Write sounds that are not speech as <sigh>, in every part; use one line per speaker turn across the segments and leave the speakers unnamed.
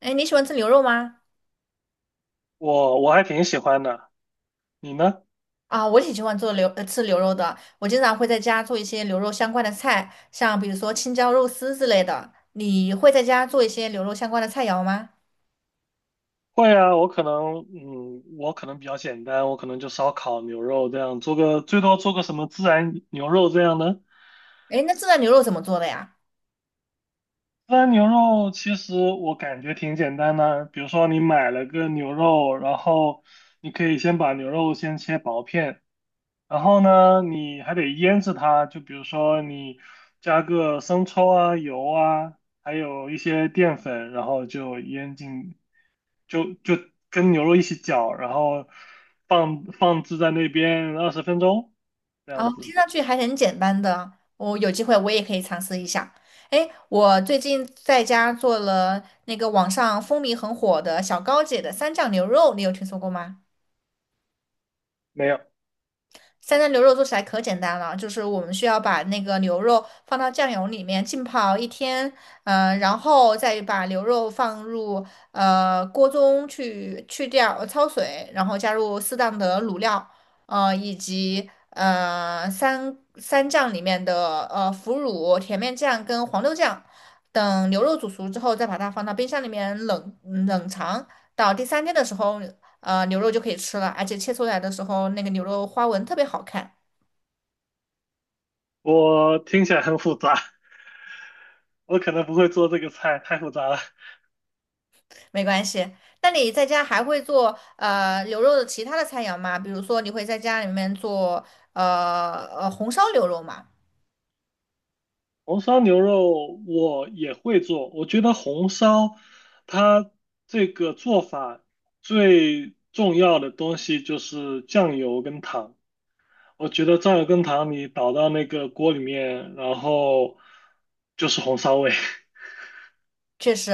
哎，你喜欢吃牛肉吗？
我还挺喜欢的，你呢？
啊，我挺喜欢吃牛肉的。我经常会在家做一些牛肉相关的菜，像比如说青椒肉丝之类的。你会在家做一些牛肉相关的菜肴吗？
会啊，我可能，我可能比较简单，我可能就烧烤、牛肉这样，做个最多做个什么孜然牛肉这样的。
哎，那这道牛肉怎么做的呀？
孜然牛肉其实我感觉挺简单的，比如说你买了个牛肉，然后你可以先把牛肉先切薄片，然后呢，你还得腌制它，就比如说你加个生抽啊、油啊，还有一些淀粉，然后就腌进。就跟牛肉一起搅，然后放置在那边20分钟这样
哦，
子。
听上去还很简单的。我有机会我也可以尝试一下。哎，我最近在家做了那个网上风靡很火的小高姐的三酱牛肉，你有听说过吗？
没有，
三鲜牛肉做起来可简单了，就是我们需要把那个牛肉放到酱油里面浸泡一天，然后再把牛肉放入锅中去掉焯水，然后加入适当的卤料，以及三酱里面的腐乳、甜面酱跟黄豆酱，等牛肉煮熟之后，再把它放到冰箱里面冷藏，到第三天的时候牛肉就可以吃了，而且切出来的时候那个牛肉花纹特别好看。
我听起来很复杂，我可能不会做这个菜，太复杂了。
没关系。那你在家还会做牛肉的其他的菜肴吗？比如说你会在家里面做红烧牛肉吗？
红烧牛肉我也会做，我觉得红烧它这个做法最重要的东西就是酱油跟糖。我觉得酱油跟糖你倒到那个锅里面，然后就是红烧味。<laughs>
确实，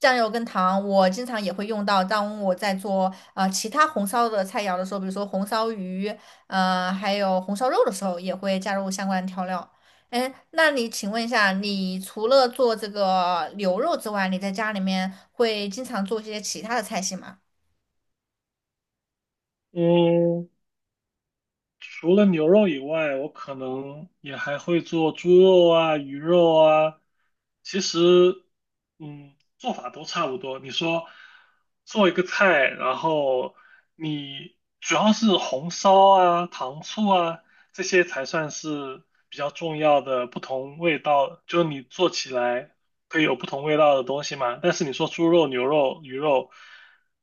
酱油跟糖我经常也会用到。当我在做其他红烧的菜肴的时候，比如说红烧鱼，还有红烧肉的时候，也会加入相关的调料。哎，那你请问一下，你除了做这个牛肉之外，你在家里面会经常做一些其他的菜系吗？
嗯，除了牛肉以外，我可能也还会做猪肉啊、鱼肉啊。其实，嗯，做法都差不多。你说做一个菜，然后你主要是红烧啊、糖醋啊这些才算是比较重要的不同味道，就是你做起来可以有不同味道的东西嘛。但是你说猪肉、牛肉、鱼肉，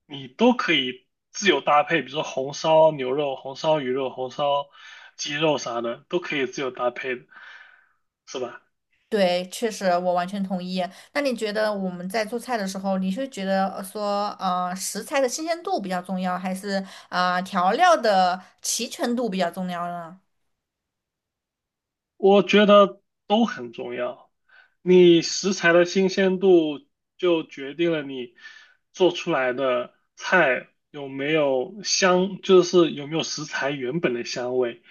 你都可以自由搭配，比如说红烧牛肉、红烧鱼肉、红烧鸡肉啥的，都可以自由搭配的，是吧？
对，确实，我完全同意。那你觉得我们在做菜的时候，你是觉得说，食材的新鲜度比较重要，还是调料的齐全度比较重要呢？
我觉得都很重要。你食材的新鲜度就决定了你做出来的菜有没有香，就是有没有食材原本的香味。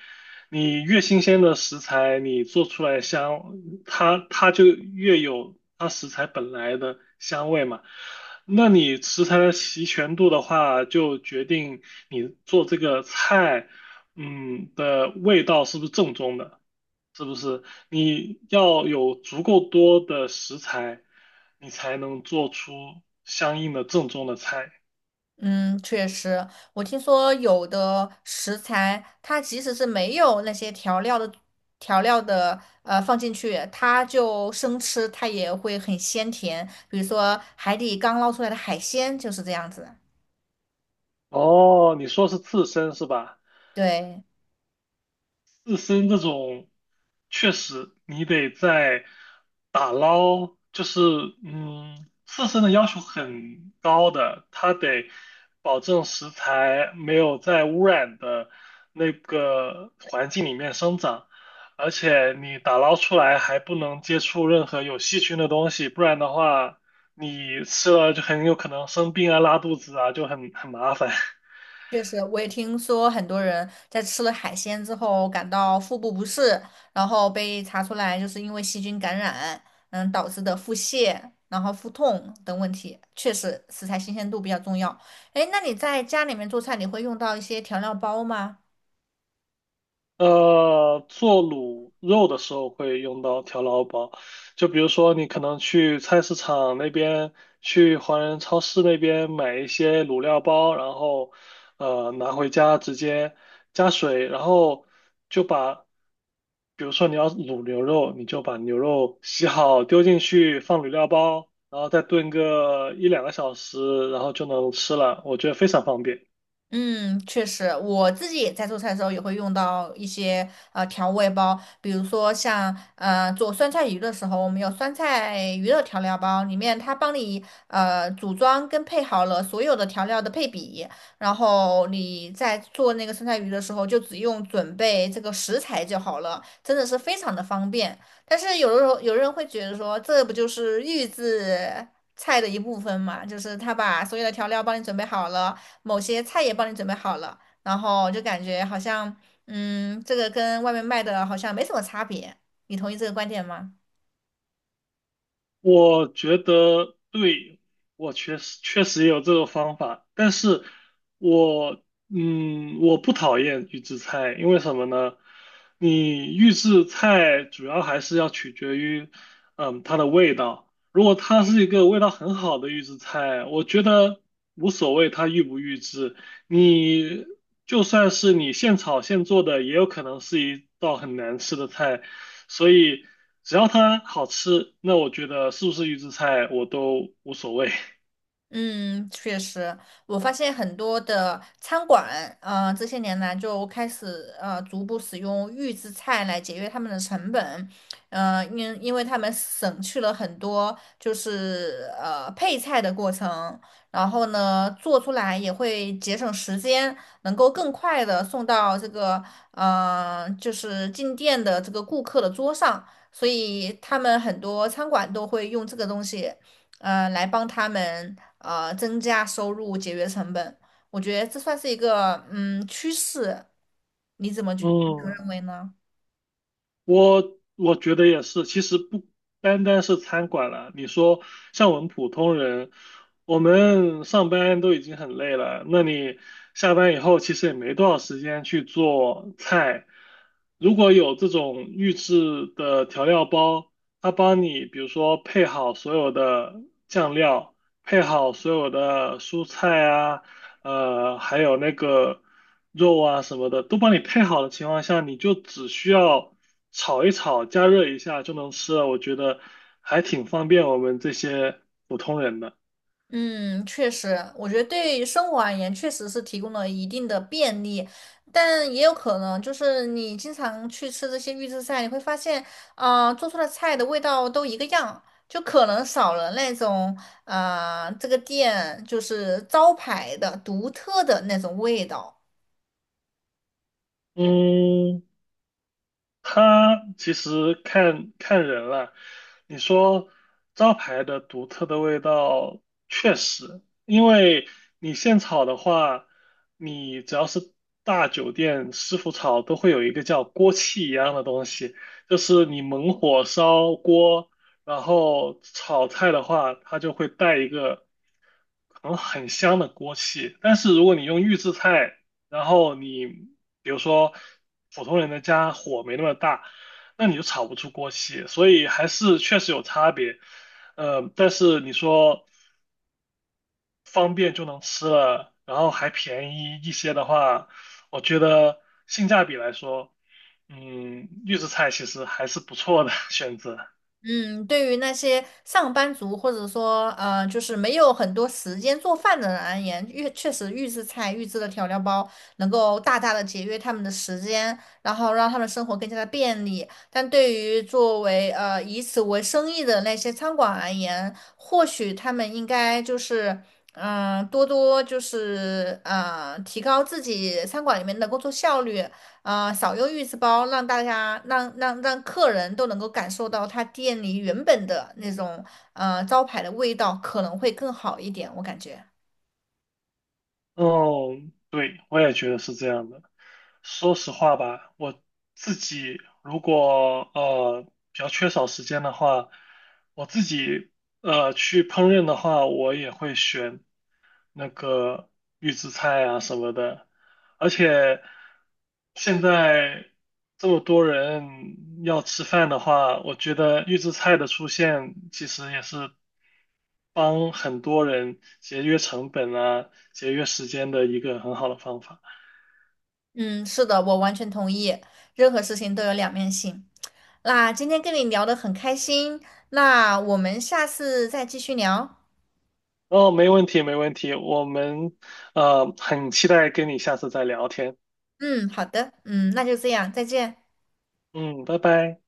你越新鲜的食材，你做出来的香，它就越有它食材本来的香味嘛。那你食材的齐全度的话，就决定你做这个菜，嗯的味道是不是正宗的。是不是？你要有足够多的食材，你才能做出相应的正宗的菜。
嗯，确实，我听说有的食材，它即使是没有那些调料的放进去，它就生吃，它也会很鲜甜。比如说海底刚捞出来的海鲜就是这样子。
哦，你说是刺身是吧？
对，
自身这种，确实你得在打捞，就是，嗯，自身的要求很高的，它得保证食材没有在污染的那个环境里面生长，而且你打捞出来还不能接触任何有细菌的东西，不然的话，你吃了就很有可能生病啊、拉肚子啊，就很麻烦。<laughs>
确实，我也听说很多人在吃了海鲜之后感到腹部不适，然后被查出来就是因为细菌感染，导致的腹泻，然后腹痛等问题。确实，食材新鲜度比较重要。哎，那你在家里面做菜，你会用到一些调料包吗？
做卤肉的时候会用到调料包，就比如说你可能去菜市场那边，去华人超市那边买一些卤料包，然后拿回家直接加水，然后就把，比如说你要卤牛肉，你就把牛肉洗好丢进去放卤料包，然后再炖个一两个小时，然后就能吃了，我觉得非常方便。
嗯，确实，我自己在做菜的时候也会用到一些调味包，比如说像做酸菜鱼的时候，我们有酸菜鱼的调料包，里面它帮你组装跟配好了所有的调料的配比，然后你在做那个酸菜鱼的时候，就只用准备这个食材就好了，真的是非常的方便。但是有的时候有人会觉得说，这不就是预制菜的一部分嘛？就是他把所有的调料帮你准备好了。某些菜也帮你准备好了，然后就感觉好像，这个跟外面卖的好像没什么差别。你同意这个观点吗？
我觉得对，我确实也有这个方法，但是我，我不讨厌预制菜，因为什么呢？你预制菜主要还是要取决于嗯它的味道，如果它是一个味道很好的预制菜，我觉得无所谓它预不预制，你就算是你现炒现做的，也有可能是一道很难吃的菜。所以只要它好吃，那我觉得是不是预制菜我都无所谓。
嗯，确实，我发现很多的餐馆，这些年来就开始逐步使用预制菜来节约他们的成本，因为他们省去了很多就是配菜的过程，然后呢做出来也会节省时间，能够更快的送到这个就是进店的这个顾客的桌上，所以他们很多餐馆都会用这个东西。来帮他们增加收入、节约成本。我觉得这算是一个趋势，你怎么就
嗯。
认为呢？
<laughs> 我觉得也是，其实不单单是餐馆了。你说像我们普通人，我们上班都已经很累了，那你下班以后其实也没多少时间去做菜。如果有这种预制的调料包，它帮你比如说配好所有的酱料，配好所有的蔬菜啊，还有那个肉啊什么的，都帮你配好的情况下，你就只需要炒一炒，加热一下就能吃了。我觉得还挺方便我们这些普通人的。
嗯，确实，我觉得对于生活而言，确实是提供了一定的便利，但也有可能就是你经常去吃这些预制菜，你会发现，啊，做出的菜的味道都一个样，就可能少了那种，啊这个店就是招牌的独特的那种味道。
嗯，它其实看看人了。你说招牌的独特的味道，确实，因为你现炒的话，你只要是大酒店师傅炒，都会有一个叫锅气一样的东西，就是你猛火烧锅，然后炒菜的话，它就会带一个很香的锅气。但是如果你用预制菜，然后你比如说普通人的家火没那么大，那你就炒不出锅气，所以还是确实有差别。但是你说方便就能吃了，然后还便宜一些的话，我觉得性价比来说，预制菜其实还是不错的 <laughs> 选择。
嗯，对于那些上班族或者说就是没有很多时间做饭的人而言，确实预制菜、预制的调料包能够大大的节约他们的时间，然后让他们生活更加的便利。但对于作为以此为生意的那些餐馆而言，或许他们应该就是多多就是提高自己餐馆里面的工作效率，啊、少用预制包，让大家让让让客人都能够感受到他店里原本的那种招牌的味道，可能会更好一点，我感觉。
哦，对，我也觉得是这样的。说实话吧，我自己如果比较缺少时间的话，我自己去烹饪的话，我也会选那个预制菜啊什么的。而且现在这么多人要吃饭的话，我觉得预制菜的出现其实也是帮很多人节约成本啊、节约时间的一个很好的方法。
嗯，是的，我完全同意，任何事情都有两面性。那今天跟你聊得很开心，那我们下次再继续聊。
哦，没问题，没问题，我们很期待跟你下次再聊天。
嗯，好的，嗯，那就这样，再见。
嗯，拜拜。